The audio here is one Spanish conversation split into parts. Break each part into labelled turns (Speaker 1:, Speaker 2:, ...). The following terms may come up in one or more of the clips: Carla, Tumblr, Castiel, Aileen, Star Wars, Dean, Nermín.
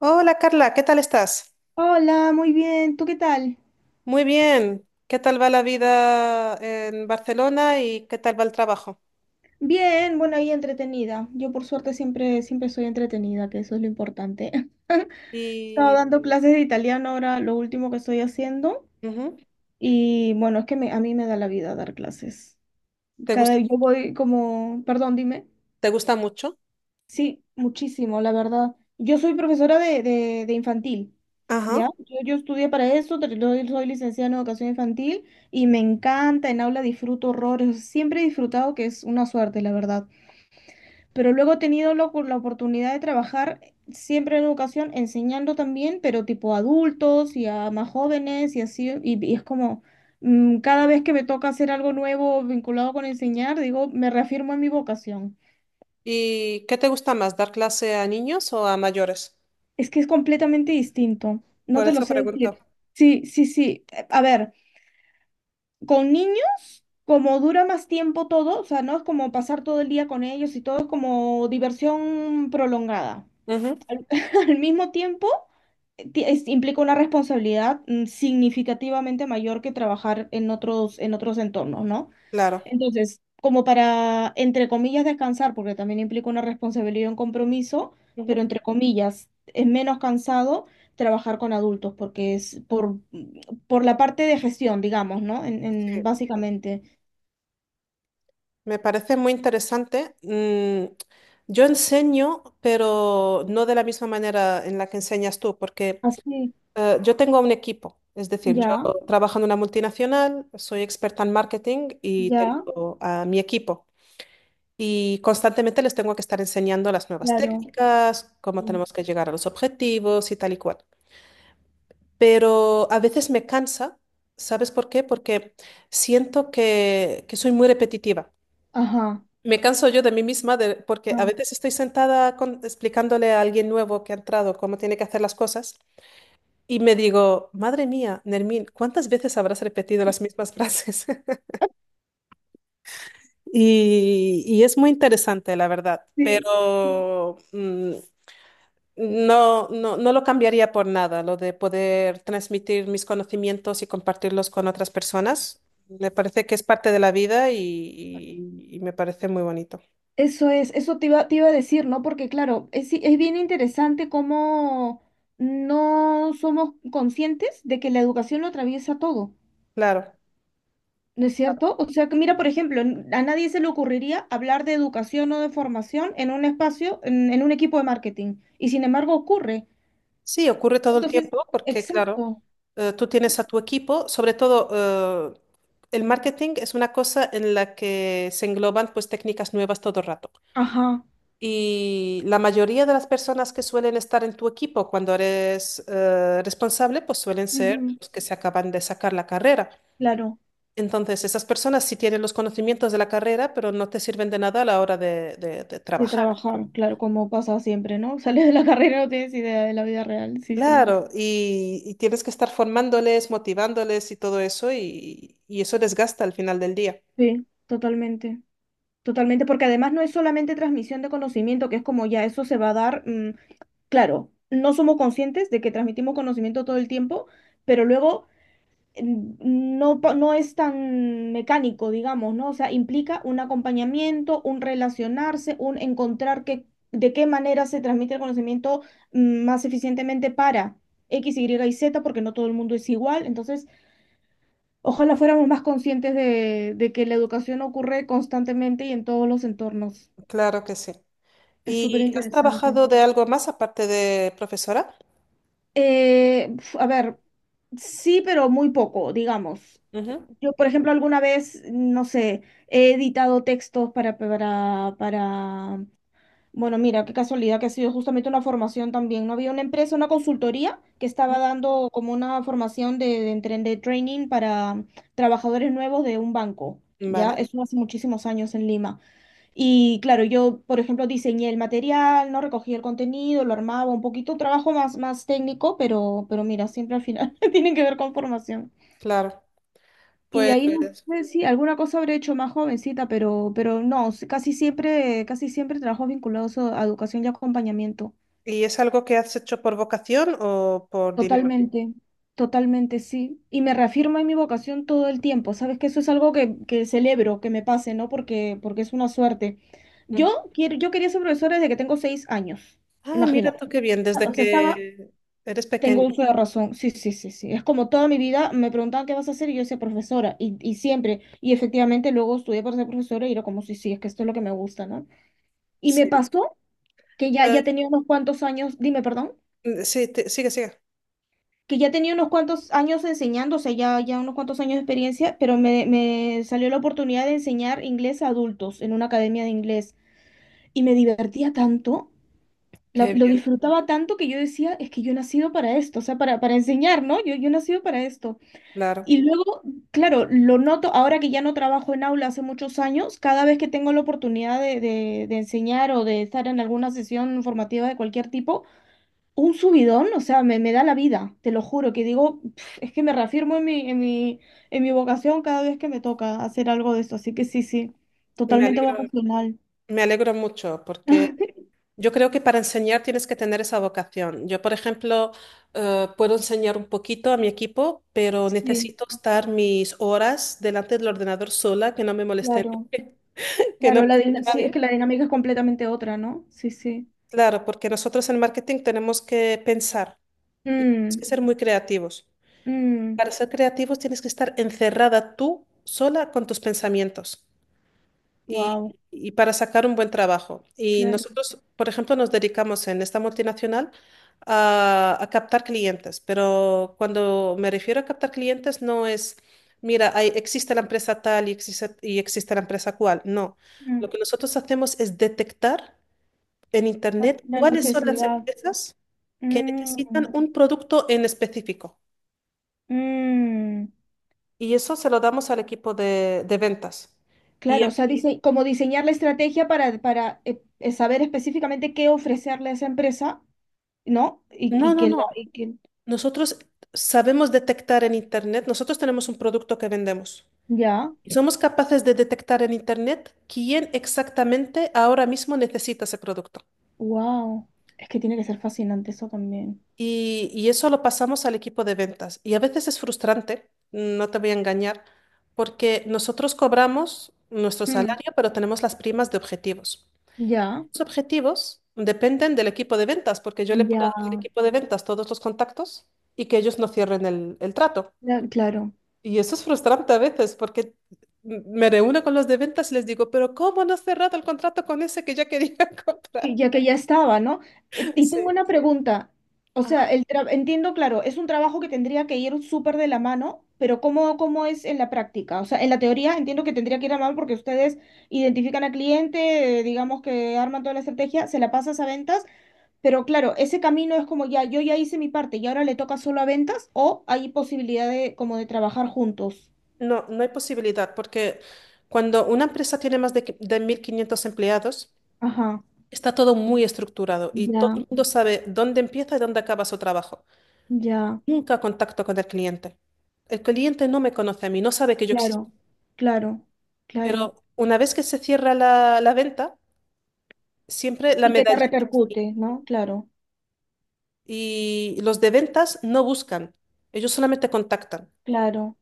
Speaker 1: Hola Carla, ¿qué tal estás?
Speaker 2: Hola, muy bien. ¿Tú qué tal?
Speaker 1: Muy bien. ¿Qué tal va la vida en Barcelona y qué tal va el trabajo?
Speaker 2: Bien, bueno, ahí entretenida. Yo por suerte siempre, siempre soy entretenida, que eso es lo importante. Estaba
Speaker 1: Y
Speaker 2: dando clases de italiano ahora, lo último que estoy haciendo.
Speaker 1: ujú.
Speaker 2: Y bueno, es que a mí me da la vida dar clases.
Speaker 1: ¿Te gusta,
Speaker 2: Cada, yo voy como, perdón, dime.
Speaker 1: ¿Te gusta mucho?
Speaker 2: Sí, muchísimo, la verdad. Yo soy profesora de infantil, ¿ya?
Speaker 1: Ajá.
Speaker 2: Yo estudié para eso, yo soy licenciada en educación infantil y me encanta, en aula disfruto horrores, siempre he disfrutado, que es una suerte, la verdad. Pero luego he tenido la oportunidad de trabajar siempre en educación, enseñando también, pero tipo a adultos y a más jóvenes y así, y es como cada vez que me toca hacer algo nuevo vinculado con enseñar, digo, me reafirmo en mi vocación.
Speaker 1: ¿Y qué te gusta más, dar clase a niños o a mayores?
Speaker 2: Es que es completamente distinto, no
Speaker 1: Por
Speaker 2: te lo
Speaker 1: eso
Speaker 2: sé
Speaker 1: pregunto.
Speaker 2: decir. Sí, sí, sí. A ver, con niños, como dura más tiempo todo, o sea, no es como pasar todo el día con ellos y todo es como diversión prolongada.
Speaker 1: Ujú.
Speaker 2: Al, al mismo tiempo, implica una responsabilidad significativamente mayor que trabajar en otros entornos, ¿no?
Speaker 1: Claro.
Speaker 2: Entonces, como para, entre comillas, descansar, porque también implica una responsabilidad y un compromiso,
Speaker 1: Ujú.
Speaker 2: pero entre comillas, es menos cansado trabajar con adultos, porque es por la parte de gestión, digamos, ¿no?
Speaker 1: Sí.
Speaker 2: Básicamente.
Speaker 1: Me parece muy interesante. Yo enseño, pero no de la misma manera en la que enseñas tú, porque
Speaker 2: Así,
Speaker 1: Yo tengo un equipo, es decir, yo
Speaker 2: ya,
Speaker 1: trabajo en una multinacional, soy experta en marketing y
Speaker 2: ya,
Speaker 1: tengo a mi equipo. Y constantemente les tengo que estar enseñando las nuevas
Speaker 2: claro.
Speaker 1: técnicas, cómo tenemos que llegar a los objetivos y tal y cual. Pero a veces me cansa, ¿sabes por qué? Porque siento que soy muy repetitiva.
Speaker 2: Ajá.
Speaker 1: Me canso yo de mí misma porque a
Speaker 2: Ajá.
Speaker 1: veces estoy sentada explicándole a alguien nuevo que ha entrado cómo tiene que hacer las cosas. Y me digo, madre mía, Nermín, ¿cuántas veces habrás repetido las mismas frases? Y es muy interesante, la verdad,
Speaker 2: Sí. Sí,
Speaker 1: pero no, no, no lo cambiaría por nada, lo de poder transmitir mis conocimientos y compartirlos con otras personas. Me parece que es parte de la vida y me parece muy bonito.
Speaker 2: eso es, eso te iba a decir, ¿no? Porque claro, es, sí, es bien interesante cómo no somos conscientes de que la educación lo atraviesa todo,
Speaker 1: Claro.
Speaker 2: ¿no es cierto? O sea, que mira, por ejemplo, a nadie se le ocurriría hablar de educación o de formación en un espacio, en un equipo de marketing, y sin embargo ocurre.
Speaker 1: Sí, ocurre todo el
Speaker 2: Entonces,
Speaker 1: tiempo porque, claro,
Speaker 2: exacto.
Speaker 1: tú tienes a tu equipo, sobre todo el marketing es una cosa en la que se engloban pues técnicas nuevas todo el rato.
Speaker 2: Ajá.
Speaker 1: Y la mayoría de las personas que suelen estar en tu equipo cuando eres responsable, pues suelen ser
Speaker 2: Ujú.
Speaker 1: los que se acaban de sacar la carrera.
Speaker 2: Claro,
Speaker 1: Entonces, esas personas sí tienen los conocimientos de la carrera, pero no te sirven de nada a la hora de
Speaker 2: de
Speaker 1: trabajar.
Speaker 2: trabajar, claro, como pasa siempre, ¿no? Sales de la carrera y no tienes idea de la vida real, sí, sí.
Speaker 1: Claro, y tienes que estar formándoles, motivándoles y todo eso, y eso desgasta al final del día.
Speaker 2: Sí, totalmente. Totalmente, porque además no es solamente transmisión de conocimiento, que es como ya eso se va a dar, claro, no somos conscientes de que transmitimos conocimiento todo el tiempo, pero luego no, no es tan mecánico, digamos, ¿no? O sea, implica un acompañamiento, un relacionarse, un encontrar que, de qué manera se transmite el conocimiento más eficientemente para X, Y y Z, porque no todo el mundo es igual, entonces... Ojalá fuéramos más conscientes de que la educación ocurre constantemente y en todos los entornos.
Speaker 1: Claro que sí.
Speaker 2: Es
Speaker 1: ¿Y
Speaker 2: súper
Speaker 1: has
Speaker 2: interesante.
Speaker 1: trabajado de algo más aparte de profesora?
Speaker 2: Uf, a ver, sí, pero muy poco, digamos.
Speaker 1: Ujú.
Speaker 2: Yo, por ejemplo, alguna vez, no sé, he editado textos bueno, mira, qué casualidad que ha sido justamente una formación también, ¿no? Había una empresa, una consultoría que estaba dando como una formación de training para trabajadores nuevos de un banco, ya,
Speaker 1: Vale,
Speaker 2: eso hace muchísimos años en Lima. Y claro, yo, por ejemplo, diseñé el material, ¿no? Recogí el contenido, lo armaba un poquito, trabajo más, más técnico, pero mira, siempre al final tienen que ver con formación.
Speaker 1: claro.
Speaker 2: Y de
Speaker 1: Pues,
Speaker 2: ahí no sé si alguna cosa habré hecho más jovencita, pero no, casi siempre trabajos vinculados a educación y acompañamiento.
Speaker 1: ¿y es algo que has hecho por vocación o por dinero?
Speaker 2: Totalmente, totalmente, sí. Y me reafirma en mi vocación todo el tiempo. Sabes que eso es algo que celebro, que me pase, ¿no? Porque es una suerte.
Speaker 1: Ujú.
Speaker 2: Yo quería ser profesora desde que tengo 6 años.
Speaker 1: Ay, mira
Speaker 2: Imagínate.
Speaker 1: tú qué bien, desde
Speaker 2: O sea,
Speaker 1: que eres
Speaker 2: tengo
Speaker 1: pequeño.
Speaker 2: uso de razón. Sí, sí, sí, sí. Es como toda mi vida me preguntaban qué vas a hacer y yo decía profesora. Y siempre. Y efectivamente luego estudié para ser profesora y era como, sí, sí, es que esto es lo que me gusta, ¿no? Y
Speaker 1: Sí.
Speaker 2: me pasó que ya tenía unos cuantos años. Dime, perdón.
Speaker 1: Sí, sigue, sigue.
Speaker 2: Que ya, tenía unos cuantos años enseñando, o sea, ya, ya unos cuantos años de experiencia, pero me salió la oportunidad de enseñar inglés a adultos en una academia de inglés y me divertía tanto,
Speaker 1: Qué
Speaker 2: lo
Speaker 1: bien,
Speaker 2: disfrutaba tanto que yo decía, es que yo he nacido para esto, o sea, para enseñar, ¿no? Yo he nacido para esto.
Speaker 1: claro.
Speaker 2: Y luego, claro, lo noto ahora que ya no trabajo en aula hace muchos años, cada vez que tengo la oportunidad de enseñar o de estar en alguna sesión formativa de cualquier tipo, un subidón, o sea, me da la vida, te lo juro, que digo: "Pf, es que me reafirmo en mi vocación cada vez que me toca hacer algo de esto, así que sí, sí,
Speaker 1: Me
Speaker 2: totalmente
Speaker 1: alegro,
Speaker 2: vocacional".
Speaker 1: me alegro mucho porque yo creo que para enseñar tienes que tener esa vocación. Yo, por ejemplo, puedo enseñar un poquito a mi equipo, pero
Speaker 2: Sí,
Speaker 1: necesito estar mis horas delante del ordenador sola, que no me molesten,
Speaker 2: claro,
Speaker 1: que no
Speaker 2: claro,
Speaker 1: me moleste
Speaker 2: sí, es que
Speaker 1: nadie.
Speaker 2: la dinámica es completamente otra, ¿no? Sí, sí.
Speaker 1: Claro, porque nosotros en marketing tenemos que pensar y tenemos
Speaker 2: Mm,
Speaker 1: que ser muy creativos.
Speaker 2: mm,
Speaker 1: Para ser creativos tienes que estar encerrada tú sola con tus pensamientos y,
Speaker 2: wow,
Speaker 1: y para sacar un buen trabajo. Y
Speaker 2: claro.
Speaker 1: nosotros, por ejemplo, nos dedicamos en esta multinacional a captar clientes, pero cuando me refiero a captar clientes no es, mira, existe la empresa tal y existe la empresa cual. No, lo
Speaker 2: Mm,
Speaker 1: que nosotros hacemos es detectar en
Speaker 2: la
Speaker 1: Internet
Speaker 2: la
Speaker 1: cuáles son las
Speaker 2: necesidad.
Speaker 1: empresas que
Speaker 2: Mm,
Speaker 1: necesitan un producto en específico.
Speaker 2: mm.
Speaker 1: Y eso se lo damos al equipo de ventas. Y
Speaker 2: Claro, o sea, dice, como diseñar la estrategia para saber específicamente qué ofrecerle a esa empresa, ¿no? Y,
Speaker 1: no,
Speaker 2: y
Speaker 1: no, no.
Speaker 2: y que
Speaker 1: Nosotros sabemos detectar en Internet, nosotros tenemos un producto que vendemos.
Speaker 2: ya,
Speaker 1: Y somos capaces de detectar en Internet quién exactamente ahora mismo necesita ese producto.
Speaker 2: wow. Es que tiene que ser fascinante eso también.
Speaker 1: Y eso lo pasamos al equipo de ventas. Y a veces es frustrante, no te voy a engañar, porque nosotros cobramos nuestro
Speaker 2: Hmm.
Speaker 1: salario, pero tenemos las primas de objetivos.
Speaker 2: Ya,
Speaker 1: Los objetivos dependen del equipo de ventas, porque yo le puedo
Speaker 2: ya,
Speaker 1: dar al equipo de ventas todos los contactos y que ellos no cierren el trato.
Speaker 2: ya, claro.
Speaker 1: Y eso es frustrante a veces porque me reúno con los de ventas y les digo, pero ¿cómo no has cerrado el contrato con ese que ya quería comprar?
Speaker 2: Ya que ya estaba, ¿no? Y tengo
Speaker 1: Sí.
Speaker 2: una pregunta. O sea,
Speaker 1: Ajá.
Speaker 2: entiendo, claro, es un trabajo que tendría que ir súper de la mano, pero ¿cómo es en la práctica? O sea, en la teoría entiendo que tendría que ir a mano porque ustedes identifican al cliente, digamos que arman toda la estrategia, se la pasas a ventas. Pero claro, ese camino es como ya, yo ya hice mi parte y ahora, ¿le toca solo a ventas o hay posibilidad de como de trabajar juntos?
Speaker 1: No, no hay posibilidad porque cuando una empresa tiene más de 1.500 empleados,
Speaker 2: Ajá,
Speaker 1: está todo muy estructurado y todo
Speaker 2: ya,
Speaker 1: el mundo sabe dónde empieza y dónde acaba su trabajo.
Speaker 2: ya,
Speaker 1: Nunca contacto con el cliente. El cliente no me conoce a mí, no sabe que yo existo.
Speaker 2: claro, claro, claro.
Speaker 1: Pero una vez que se cierra la venta, siempre la
Speaker 2: Y que te
Speaker 1: medallita. Sí.
Speaker 2: repercute, ¿no? Claro,
Speaker 1: Y los de ventas no buscan, ellos solamente contactan.
Speaker 2: claro,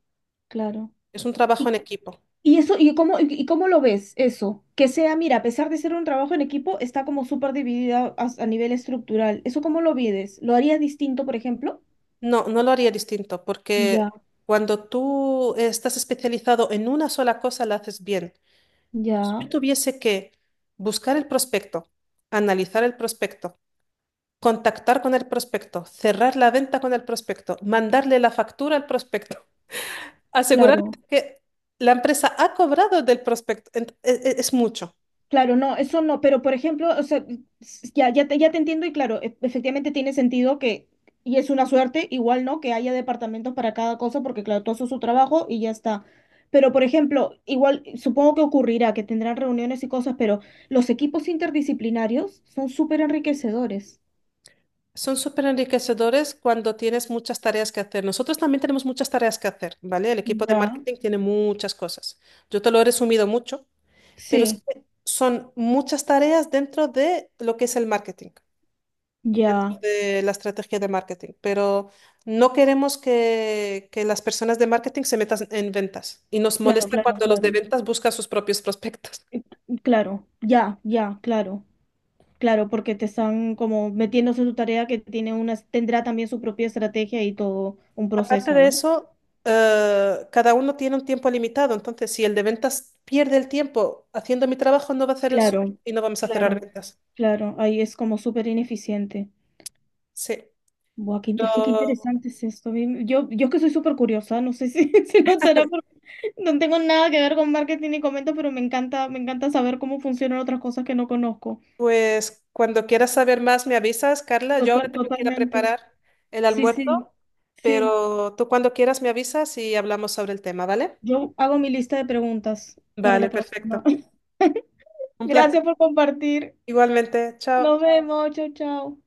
Speaker 2: claro.
Speaker 1: Es un trabajo
Speaker 2: Y,
Speaker 1: en equipo.
Speaker 2: y eso, ¿y cómo lo ves eso? Que sea, mira, a pesar de ser un trabajo en equipo, está como súper dividida a nivel estructural. ¿Eso cómo lo vives? ¿Lo harías distinto, por ejemplo?
Speaker 1: No, no lo haría distinto, porque
Speaker 2: Ya,
Speaker 1: cuando tú estás especializado en una sola cosa, la haces bien. Pero si yo
Speaker 2: ya,
Speaker 1: tuviese que buscar el prospecto, analizar el prospecto, contactar con el prospecto, cerrar la venta con el prospecto, mandarle la factura al prospecto, asegurarme
Speaker 2: claro.
Speaker 1: que la empresa ha cobrado del prospecto, es mucho.
Speaker 2: Claro, no, eso no, pero por ejemplo, o sea, ya, ya te entiendo y claro, efectivamente tiene sentido que, y es una suerte, igual, ¿no? Que haya departamentos para cada cosa, porque claro, todo eso es su trabajo y ya está. Pero por ejemplo, igual, supongo que ocurrirá, que tendrán reuniones y cosas, pero los equipos interdisciplinarios son súper enriquecedores.
Speaker 1: Son súper enriquecedores cuando tienes muchas tareas que hacer. Nosotros también tenemos muchas tareas que hacer, ¿vale? El equipo de
Speaker 2: Ya,
Speaker 1: marketing tiene muchas cosas. Yo te lo he resumido mucho, pero es
Speaker 2: sí,
Speaker 1: que son muchas tareas dentro de lo que es el marketing, dentro
Speaker 2: ya,
Speaker 1: de la estrategia de marketing. Pero no queremos que las personas de marketing se metan en ventas y nos
Speaker 2: claro,
Speaker 1: molesta
Speaker 2: claro,
Speaker 1: cuando los
Speaker 2: claro.
Speaker 1: de ventas buscan sus propios prospectos.
Speaker 2: Eh, Claro, ya, ya, claro. Claro, porque te están como metiéndose en tu tarea que tiene tendrá también su propia estrategia y todo un
Speaker 1: Aparte
Speaker 2: proceso,
Speaker 1: de
Speaker 2: ¿no?
Speaker 1: eso, cada uno tiene un tiempo limitado, entonces si el de ventas pierde el tiempo haciendo mi trabajo, no va a hacer el suyo
Speaker 2: Claro,
Speaker 1: y no vamos a cerrar
Speaker 2: claro,
Speaker 1: ventas.
Speaker 2: claro. Ahí es como súper ineficiente.
Speaker 1: Sí.
Speaker 2: Buah, es que qué
Speaker 1: Pero,
Speaker 2: interesante es esto. Yo es que soy súper curiosa, no sé si se notará, porque no tengo nada que ver con marketing ni comento, pero me encanta saber cómo funcionan otras cosas que no conozco.
Speaker 1: pues cuando quieras saber más, me avisas, Carla. Yo ahora tengo que ir a
Speaker 2: Totalmente.
Speaker 1: preparar el
Speaker 2: Sí, sí,
Speaker 1: almuerzo,
Speaker 2: sí.
Speaker 1: pero tú cuando quieras me avisas y hablamos sobre el tema, ¿vale?
Speaker 2: Yo hago mi lista de preguntas para
Speaker 1: Vale,
Speaker 2: la próxima.
Speaker 1: perfecto. Un placer.
Speaker 2: Gracias por compartir.
Speaker 1: Igualmente, chao.
Speaker 2: Nos vemos, chau, chau.